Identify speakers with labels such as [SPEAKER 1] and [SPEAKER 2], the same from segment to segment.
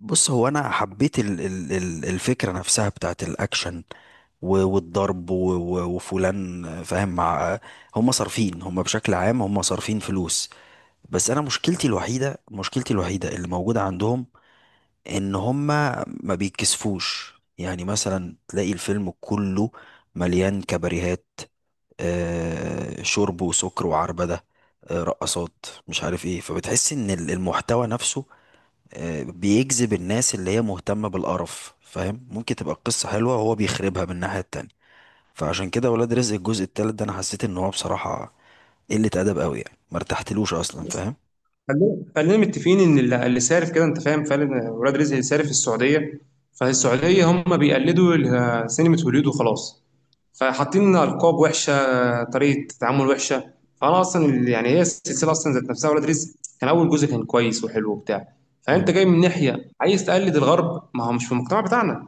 [SPEAKER 1] بص هو انا حبيت الفكره نفسها بتاعت الاكشن والضرب وفلان فاهم مع هم بشكل عام هم صارفين فلوس. بس انا مشكلتي الوحيده اللي موجوده عندهم ان هم ما بيتكسفوش، يعني مثلا تلاقي الفيلم كله مليان كباريهات، شرب وسكر وعربده، رقصات مش عارف ايه، فبتحس ان المحتوى نفسه بيجذب الناس اللي هي مهتمة بالقرف، فاهم؟ ممكن تبقى القصة حلوة وهو بيخربها من الناحية التانية. فعشان كده ولاد رزق الجزء التالت ده انا حسيت ان هو بصراحة قلة ادب قوي، يعني ما ارتحتلوش اصلا، فاهم؟
[SPEAKER 2] خلينا متفقين ان اللي سارف كده، انت فاهم، فعلا ولاد رزق اللي سارف في السعوديه. فالسعوديه هم بيقلدوا سينما هوليود وخلاص، فحاطين لنا القاب وحشه، طريقه تعامل وحشه. فانا اصلا يعني هي السلسله اصلا ذات نفسها، ولاد رزق كان اول جزء كان كويس وحلو وبتاع. فانت
[SPEAKER 1] مم.
[SPEAKER 2] جاي من ناحيه عايز تقلد الغرب، ما هو مش في المجتمع بتاعنا.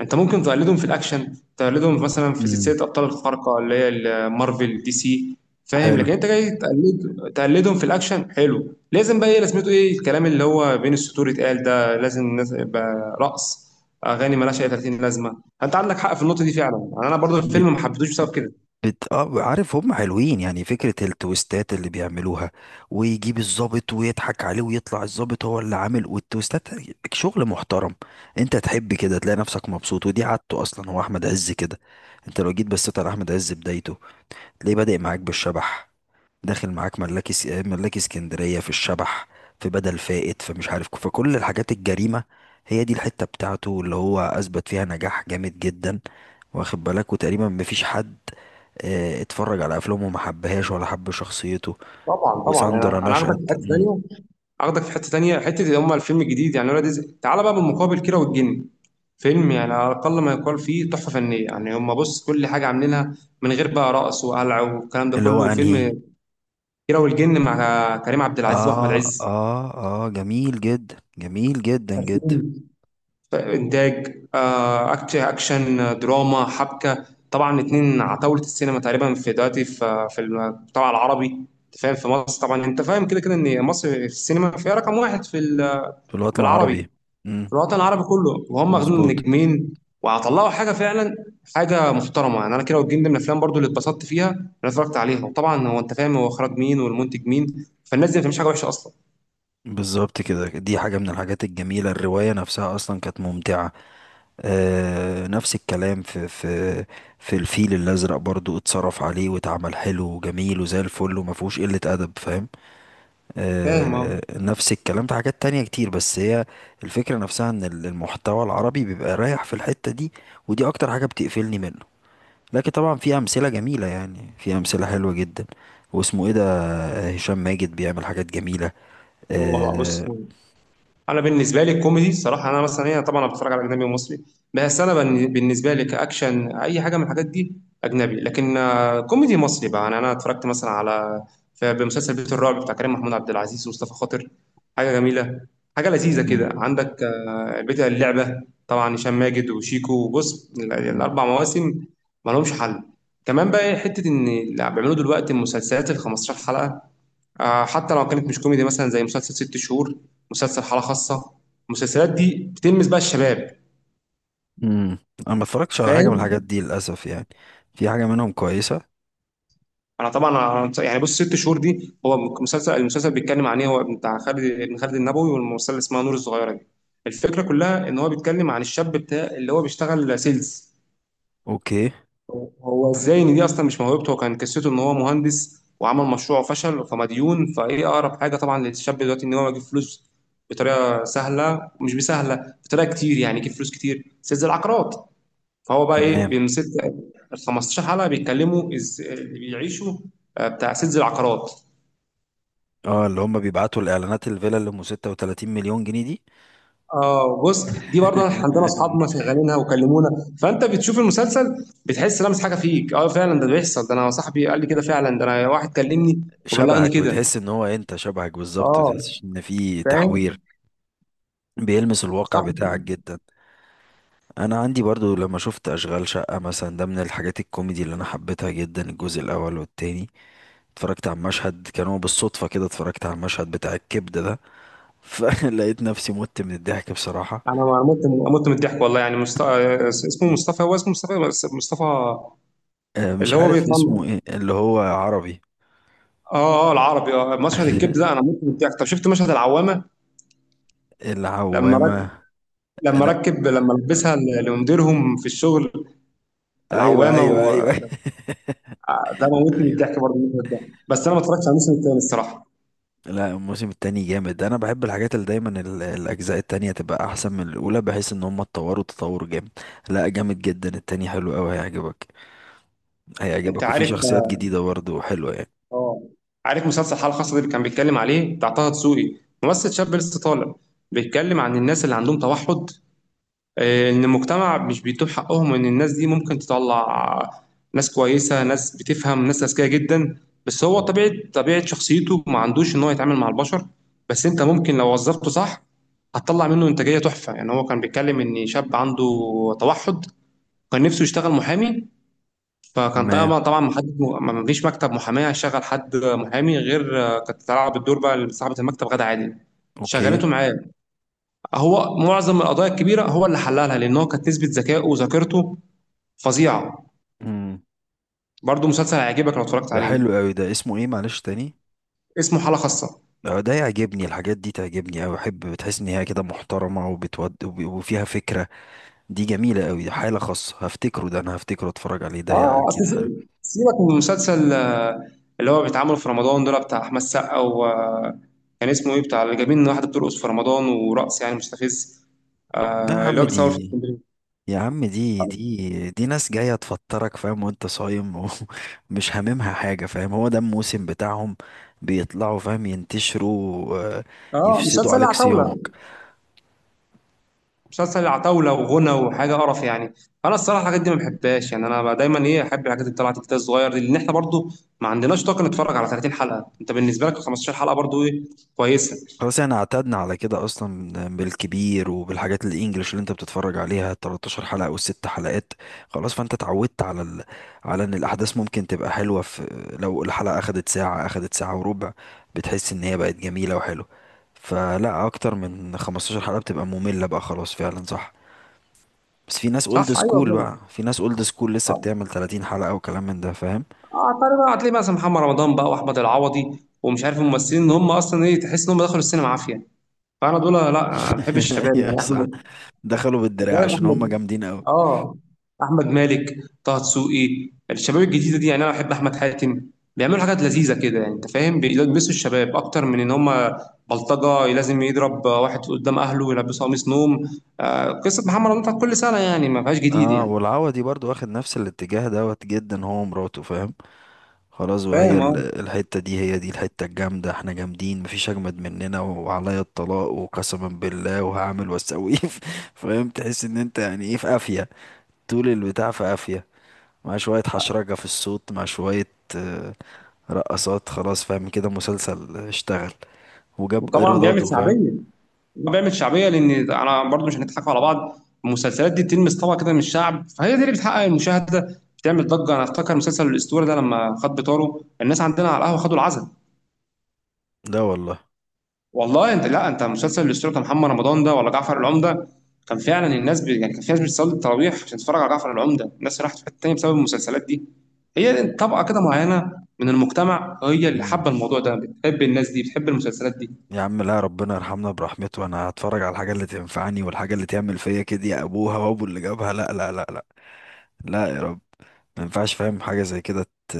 [SPEAKER 2] انت ممكن تقلدهم في الاكشن، تقلدهم مثلا في
[SPEAKER 1] مم.
[SPEAKER 2] سلسله ابطال الخارقه اللي هي مارفل دي سي، فاهم؟
[SPEAKER 1] حلو.
[SPEAKER 2] لكن انت جاي تقلدهم في الاكشن حلو، لازم بقى ايه لازمته، ايه الكلام اللي هو بين السطور اتقال ده، لازم الناس يبقى رقص، اغاني مالهاش اي 30 لازمه. انت عندك حق في النقطه دي فعلا، يعني انا برضو
[SPEAKER 1] بت بت-
[SPEAKER 2] الفيلم ما حبيتهوش بسبب كده.
[SPEAKER 1] بت اه عارف هم حلوين، يعني فكرة التويستات اللي بيعملوها ويجيب الضابط ويضحك عليه ويطلع الضابط هو اللي عامل والتويستات. شغل محترم. انت تحب كده تلاقي نفسك مبسوط، ودي عادته اصلا، هو احمد عز كده. انت لو جيت بصيت على احمد عز بدايته، ليه بادئ معاك بالشبح، داخل معاك ملاكي اسكندرية في الشبح، في بدل فائت، فمش عارف، فكل الحاجات الجريمة هي دي الحتة بتاعته اللي هو أثبت فيها نجاح جامد جدا، واخد بالك؟ وتقريبا مفيش حد اتفرج على أفلامه وما حبهاش ولا حب شخصيته.
[SPEAKER 2] طبعا طبعا،
[SPEAKER 1] وساندرا
[SPEAKER 2] انا هاخدك
[SPEAKER 1] نشأت.
[SPEAKER 2] في حته
[SPEAKER 1] مم.
[SPEAKER 2] ثانيه، هاخدك في حته ثانيه، حته اللي هم الفيلم الجديد. يعني ولاد رزق تعالى بقى بالمقابل كيرة والجن، فيلم يعني على الأقل ما يقال فيه تحفة فنية. يعني هم بص، كل حاجة عاملينها من غير بقى رقص وقلع والكلام ده
[SPEAKER 1] اللي هو
[SPEAKER 2] كله.
[SPEAKER 1] أنهي؟
[SPEAKER 2] فيلم كيرة والجن مع كريم عبد العزيز وأحمد
[SPEAKER 1] آه
[SPEAKER 2] عز،
[SPEAKER 1] آه. آه، جميل جدا، جميل جدا جدا.
[SPEAKER 2] صارفين إنتاج، أكشن، دراما، حبكة. طبعا اتنين عتاولة السينما تقريبا في دلوقتي، في المجتمع العربي، أنت فاهم. في مصر طبعا، أنت فاهم كده كده، إن مصر في السينما فيها رقم واحد في
[SPEAKER 1] في الوطن
[SPEAKER 2] في العربي،
[SPEAKER 1] العربي.
[SPEAKER 2] في
[SPEAKER 1] مم.
[SPEAKER 2] الوطن العربي كله، وهم واخدين
[SPEAKER 1] مظبوط.
[SPEAKER 2] نجمين وهطلعوا حاجه فعلا، حاجه محترمه. يعني انا كده والجن دي من الافلام برضو اللي اتبسطت فيها اللي أنا اتفرجت عليها. وطبعا هو انت فاهم هو اخراج مين والمنتج مين، فالناس دي ما بتعملش حاجه وحشه اصلا،
[SPEAKER 1] بالظبط كده، دي حاجة من الحاجات الجميلة، الرواية نفسها أصلا كانت ممتعة. آه، نفس الكلام في في الفيل الأزرق، برضو اتصرف عليه واتعمل حلو وجميل وزي الفل وما فيهوش قلة أدب، فاهم؟
[SPEAKER 2] فاهم؟ اه.
[SPEAKER 1] آه، نفس الكلام في حاجات تانية كتير، بس هي الفكرة نفسها إن المحتوى العربي بيبقى رايح في الحتة دي، ودي أكتر حاجة بتقفلني منه. لكن طبعا في أمثلة جميلة، يعني في أمثلة حلوة جدا. واسمه إيه ده؟ هشام ماجد بيعمل حاجات جميلة.
[SPEAKER 2] هو بقى بص،
[SPEAKER 1] آه.
[SPEAKER 2] انا بالنسبه لي الكوميدي الصراحه، انا مثلا هي طبعا انا بتفرج على اجنبي ومصري، بس انا بالنسبه لي كاكشن اي حاجه من الحاجات دي اجنبي. لكن آه، كوميدي مصري بقى، يعني انا اتفرجت مثلا على بمسلسل بيت الرعب بتاع كريم محمود عبد العزيز ومصطفى خاطر، حاجه جميله، حاجه لذيذه كده. عندك آه، بيت اللعبه، طبعا هشام ماجد وشيكو. وبص
[SPEAKER 1] مم.
[SPEAKER 2] الاربع مواسم ما لهمش حل. كمان بقى حته ان اللي بيعملوا دلوقتي المسلسلات ال 15 حلقه، آه، حتى لو كانت مش كوميدي مثلا، زي مسلسل ست شهور، مسلسل حالة خاصة، المسلسلات دي بتلمس بقى الشباب،
[SPEAKER 1] امم. انا ما اتفرجتش على حاجه من الحاجات
[SPEAKER 2] فاهم؟
[SPEAKER 1] دي للاسف، يعني في حاجه منهم كويسه.
[SPEAKER 2] انا طبعا، أنا يعني بص ست شهور دي، هو مسلسل، المسلسل بيتكلم عن ايه، هو بتاع خالد ابن خالد النبوي والممثله اللي اسمها نور الصغيره دي. الفكره كلها ان هو بيتكلم عن الشاب بتاع اللي هو بيشتغل سيلز.
[SPEAKER 1] اوكي.
[SPEAKER 2] هو ازاي ان دي اصلا مش موهبته، هو كان قصته ان هو مهندس وعمل مشروع وفشل فمديون، فايه اقرب حاجه طبعا للشاب دلوقتي ان هو يجيب فلوس بطريقه سهله، مش بسهله بطريقه كتير يعني، يجيب فلوس كتير، سيلز العقارات. فهو بقى ايه
[SPEAKER 1] تمام.
[SPEAKER 2] بيمسك. ال 15 حلقه بيتكلموا اللي بيعيشوا آه، بتاع سيلز العقارات.
[SPEAKER 1] اه، اللي هم بيبعتوا الاعلانات الفيلا اللي ام 36 مليون جنيه دي.
[SPEAKER 2] اه بص، دي برضه عندنا اصحابنا شغالينها وكلمونا. فانت بتشوف المسلسل بتحس لمس حاجه فيك، اه فعلا ده بيحصل، ده انا صاحبي قال لي كده، فعلا ده انا واحد كلمني وبلغني
[SPEAKER 1] شبهك،
[SPEAKER 2] كده،
[SPEAKER 1] بتحس ان هو انت شبهك بالظبط، ما
[SPEAKER 2] اه،
[SPEAKER 1] بتحسش ان في تحوير،
[SPEAKER 2] فاهم؟
[SPEAKER 1] بيلمس الواقع
[SPEAKER 2] صح.
[SPEAKER 1] بتاعك جدا. انا عندي برضو لما شفت اشغال شقه مثلا، ده من الحاجات الكوميدي اللي انا حبيتها جدا، الجزء الاول والتاني. اتفرجت على المشهد، كان هو بالصدفة كده اتفرجت على المشهد بتاع الكبدة ده، فلقيت نفسي مت من الضحك بصراحة.
[SPEAKER 2] انا ما مت من الضحك والله. يعني اسمه مصطفى، هو اسمه مصطفى بس مصطفى
[SPEAKER 1] مش
[SPEAKER 2] اللي هو
[SPEAKER 1] عارف
[SPEAKER 2] بيطلع.
[SPEAKER 1] اسمه ايه اللي هو عربي.
[SPEAKER 2] اه اه، العربي، اه، مشهد الكبد ده انا مت من الضحك. طب شفت مشهد العوامه؟ لما رك...
[SPEAKER 1] العوامة.
[SPEAKER 2] لما
[SPEAKER 1] لا.
[SPEAKER 2] ركب، لما لبسها لمديرهم في الشغل،
[SPEAKER 1] ايوه
[SPEAKER 2] العوامه
[SPEAKER 1] ايوه ايوه.
[SPEAKER 2] آه، ده موتني من
[SPEAKER 1] ايوه.
[SPEAKER 2] الضحك برضه المشهد ده. بس انا ما اتفرجتش على الموسم الثاني الصراحه.
[SPEAKER 1] لا، الموسم التاني جامد، انا بحب الحاجات اللي دايما الاجزاء التانية تبقى احسن من الاولى بحيث ان هم اتطوروا تطور جامد. لا، جامد جدا التاني، حلو قوي، هيعجبك.
[SPEAKER 2] انت
[SPEAKER 1] هيعجبك، وفي
[SPEAKER 2] عارف؟
[SPEAKER 1] شخصيات جديدة برضه حلوة، يعني
[SPEAKER 2] اه، عارف مسلسل الحاله الخاصه ده اللي كان بيتكلم عليه، بتاع طه دسوقي، ممثل شاب لسه طالع، بيتكلم عن الناس اللي عندهم توحد، آه، ان المجتمع مش بيتوب حقهم، ان الناس دي ممكن تطلع ناس كويسه، ناس بتفهم، ناس اذكياء جدا، بس هو
[SPEAKER 1] مم.
[SPEAKER 2] طبيعه شخصيته ما عندوش ان هو يتعامل مع البشر. بس انت ممكن لو وظفته صح، هتطلع منه انتاجيه تحفه. يعني هو كان بيتكلم ان شاب عنده توحد، كان نفسه يشتغل محامي، فكان
[SPEAKER 1] تمام.
[SPEAKER 2] طبعا طبعا محدد ما فيش مكتب محاماه هيشغل حد محامي، غير آه، كانت تلعب الدور بقى صاحبه المكتب غدا عادل،
[SPEAKER 1] اوكي.
[SPEAKER 2] شغلته معاه. هو معظم القضايا الكبيره هو اللي حللها، لان هو كانت نسبه ذكائه وذاكرته فظيعه.
[SPEAKER 1] مم.
[SPEAKER 2] برضه مسلسل هيعجبك لو اتفرجت
[SPEAKER 1] ده
[SPEAKER 2] عليه،
[SPEAKER 1] حلو قوي، ده اسمه ايه معلش تاني؟
[SPEAKER 2] اسمه حاله خاصه.
[SPEAKER 1] ده يعجبني، الحاجات دي تعجبني أوي، أحب بتحس إن هي كده محترمة وبتود وفيها فكرة. دي جميلة قوي، حالة خاصة، هفتكره، ده انا هفتكره اتفرج عليه ده،
[SPEAKER 2] اه آه، اصل
[SPEAKER 1] اكيد حلو.
[SPEAKER 2] سيبك من المسلسل آه، اللي هو بيتعمل في رمضان دول، بتاع احمد السقا و آه، كان اسمه ايه، بتاع اللي جايبين واحده بترقص في رمضان، ورقص يعني مستفز،
[SPEAKER 1] لا يا
[SPEAKER 2] آه، اللي
[SPEAKER 1] عم،
[SPEAKER 2] هو بيصور في
[SPEAKER 1] دي
[SPEAKER 2] اسكندريه.
[SPEAKER 1] يا عم دي، دي دي ناس جاية تفطرك، فاهم؟ وانت صايم، ومش هاممها حاجة، فاهم؟ هو ده الموسم بتاعهم، بيطلعوا فاهم ينتشروا،
[SPEAKER 2] اه،
[SPEAKER 1] يفسدوا
[SPEAKER 2] مسلسل
[SPEAKER 1] عليك
[SPEAKER 2] العتاوله.
[SPEAKER 1] صيامك.
[SPEAKER 2] مسلسل عتاولة وغنى وحاجة قرف يعني. أنا الصراحة الحاجات دي ما بحبهاش يعني. أنا بقى دايما إيه، أحب الحاجات اللي طلعت كده الصغير دي، لأن إحنا برضو ما عندناش طاقة نتفرج على 30 حلقة. أنت بالنسبة لك 15 حلقة برضو إيه، كويسة.
[SPEAKER 1] خلاص، احنا اعتدنا على كده اصلا، بالكبير وبالحاجات الانجليش اللي انت بتتفرج عليها 13 حلقة والست حلقات، خلاص فانت اتعودت على على ان الاحداث ممكن تبقى حلوة في، لو الحلقة اخدت ساعة اخدت ساعة وربع بتحس ان هي بقت جميلة وحلوة. فلا، اكتر من 15 حلقة بتبقى مملة بقى خلاص، فعلا صح. بس في ناس اولد
[SPEAKER 2] صح، أيوه
[SPEAKER 1] سكول
[SPEAKER 2] فعلا.
[SPEAKER 1] بقى، في ناس اولد سكول لسه
[SPEAKER 2] أه،
[SPEAKER 1] بتعمل 30 حلقة وكلام من ده، فاهم؟
[SPEAKER 2] أعتقد بقى هتلاقي مثلا محمد رمضان بقى وأحمد العوضي، ومش عارف الممثلين إن هم أصلا إيه، تحس إن هم دخلوا السينما عافية. فأنا دول لا ما بحبش الشباب.
[SPEAKER 1] يا
[SPEAKER 2] يعني أحمد،
[SPEAKER 1] صح، دخلوا
[SPEAKER 2] أنت
[SPEAKER 1] بالدراع
[SPEAKER 2] فاهم؟
[SPEAKER 1] عشان هم
[SPEAKER 2] أحمد،
[SPEAKER 1] جامدين قوي.
[SPEAKER 2] اه، احمد مالك، طه دسوقي، الشباب الجديده دي، يعني انا بحب احمد حاتم، بيعملوا حاجات لذيذه كده. يعني انت فاهم بيلبسوا الشباب اكتر من ان هم بلطجه لازم يضرب واحد قدام اهله ويلبسه قميص نوم، آه قصه محمد رمضان بتاعت كل سنه، يعني ما فيهاش جديد
[SPEAKER 1] اه،
[SPEAKER 2] يعني،
[SPEAKER 1] والعوضي برضو واخد نفس الاتجاه دوت جدا، هو ومراته، فاهم؟ خلاص، وهي
[SPEAKER 2] فاهم؟ اه.
[SPEAKER 1] الحتة دي هي دي الحتة الجامدة، احنا جامدين، مفيش اجمد مننا، وعليا الطلاق وقسما بالله وهعمل واسوي. فاهم؟ تحس ان انت يعني ايه، في قافية، طول البتاع في قافية، مع شوية حشرجة في الصوت، مع شوية آه، رقصات، خلاص فاهم كده مسلسل اشتغل وجاب
[SPEAKER 2] وطبعا بيعمل
[SPEAKER 1] ايراداته، فاهم؟
[SPEAKER 2] شعبيه، هو بيعمل شعبيه، لان انا برضو مش هنضحك على بعض، المسلسلات دي بتلمس طبقه كده من الشعب، فهي دي اللي بتحقق المشاهده، بتعمل ضجه. انا افتكر مسلسل الاسطوره ده لما خد بطاره، الناس عندنا على القهوه خدوا العزل
[SPEAKER 1] لا والله.
[SPEAKER 2] والله. انت لا انت مسلسل الاسطوره محمد رمضان ده، ولا جعفر العمده، كان فعلا الناس يعني كان في ناس بتصلي التراويح عشان تتفرج على جعفر العمده. الناس راحت في حته تانيه بسبب المسلسلات دي، هي طبقه كده معينه من المجتمع هي اللي حابه الموضوع ده، بتحب الناس دي بتحب المسلسلات دي.
[SPEAKER 1] يا عم، لا ربنا يرحمنا برحمته، انا هتفرج على الحاجه اللي تنفعني والحاجه اللي تعمل فيا كده، يا ابوها وابو اللي جابها، لا لا لا لا، لا يا رب، ما ينفعش فاهم حاجه زي كده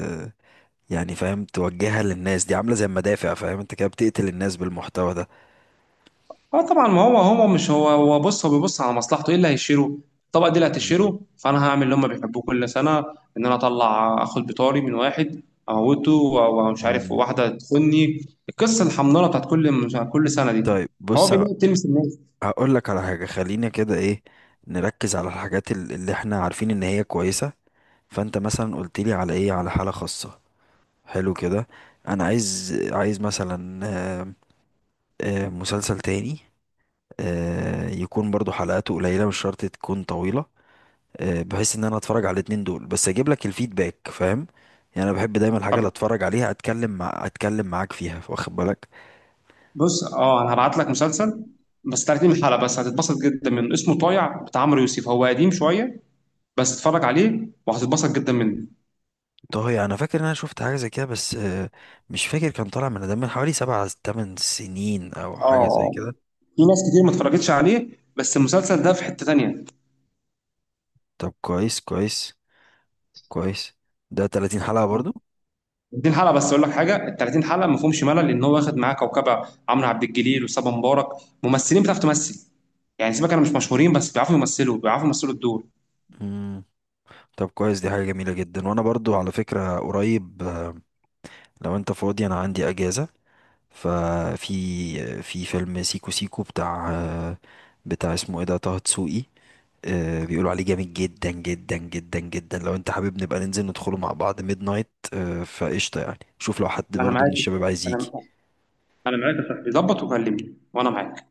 [SPEAKER 1] يعني فاهم توجهها للناس دي عامله زي المدافع، فاهم؟ انت كده بتقتل الناس بالمحتوى ده.
[SPEAKER 2] اه طبعا، ما هو هو مش هو بص، هو بيبص على مصلحته، ايه اللي هيشيله الطبقه دي اللي
[SPEAKER 1] مم.
[SPEAKER 2] هتشيله، فانا هعمل اللي هم بيحبوه كل سنه، ان انا اطلع اخد بطاري من واحد اموته، ومش عارف
[SPEAKER 1] مم.
[SPEAKER 2] واحده تخني، القصه الحمضانه بتاعت كل كل سنه دي.
[SPEAKER 1] طيب
[SPEAKER 2] هو
[SPEAKER 1] بص،
[SPEAKER 2] بينام تلمس الناس.
[SPEAKER 1] هقول لك على حاجة، خلينا كده ايه، نركز على الحاجات اللي احنا عارفين ان هي كويسة. فانت مثلا قلت لي على ايه، على حالة خاصة، حلو كده. انا عايز عايز مثلا آه، مسلسل تاني يكون برضو حلقاته قليلة مش شرط تكون طويلة، بحيث ان انا اتفرج على الاتنين دول بس اجيب لك الفيدباك، فاهم؟ يعني انا بحب دايما الحاجة اللي اتفرج عليها اتكلم معاك فيها، واخد بالك؟
[SPEAKER 2] بص اه، انا هبعت لك مسلسل، بس 30 حلقه بس هتتبسط جدا منه، اسمه طايع بتاع عمرو يوسف، هو قديم شويه بس اتفرج عليه وهتتبسط جدا منه.
[SPEAKER 1] طه، يعني انا فاكر ان انا شفت حاجة زي كده بس، مش فاكر، كان طالع من ده من حوالي 7 8 سنين او حاجة زي
[SPEAKER 2] اه
[SPEAKER 1] كده.
[SPEAKER 2] في ناس كتير ما اتفرجتش عليه، بس المسلسل ده في حته تانيه.
[SPEAKER 1] طب كويس، كويس، كويس، ده 30 حلقة برضو.
[SPEAKER 2] 30 حلقه بس اقول لك حاجه، ال 30 حلقه ما فيهمش ملل، لان هو واخد معاه كوكبه، عمرو عبد الجليل وصبا مبارك، ممثلين بتعرف تمثل، يعني سيبك انا مش مشهورين بس بيعرفوا يمثلوا، بيعرفوا يمثلوا الدور.
[SPEAKER 1] مم. طب كويس، دي حاجة جميلة جدا. وانا برضو على فكرة قريب، لو انت فاضي انا عندي اجازة، ففي في فيلم سيكو سيكو بتاع بتاع اسمه ايه ده، طه دسوقي، بيقولوا عليه جامد جدا جدا جدا جدا، لو انت حابب نبقى ننزل ندخله مع بعض ميد نايت فقشطة، يعني شوف لو حد
[SPEAKER 2] انا
[SPEAKER 1] برضه من
[SPEAKER 2] معاك،
[SPEAKER 1] الشباب عايز يجي.
[SPEAKER 2] انا انا معاك يا صاحبي، ظبط وكلمني وانا معاك.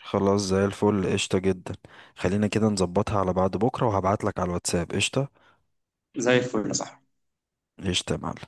[SPEAKER 1] خلاص، زي الفل، قشطة جدا، خلينا كده نظبطها على بعد بكرة، وهبعتلك على الواتساب. قشطة.
[SPEAKER 2] زي الفل يا صاحبي.
[SPEAKER 1] قشطة يا معلم.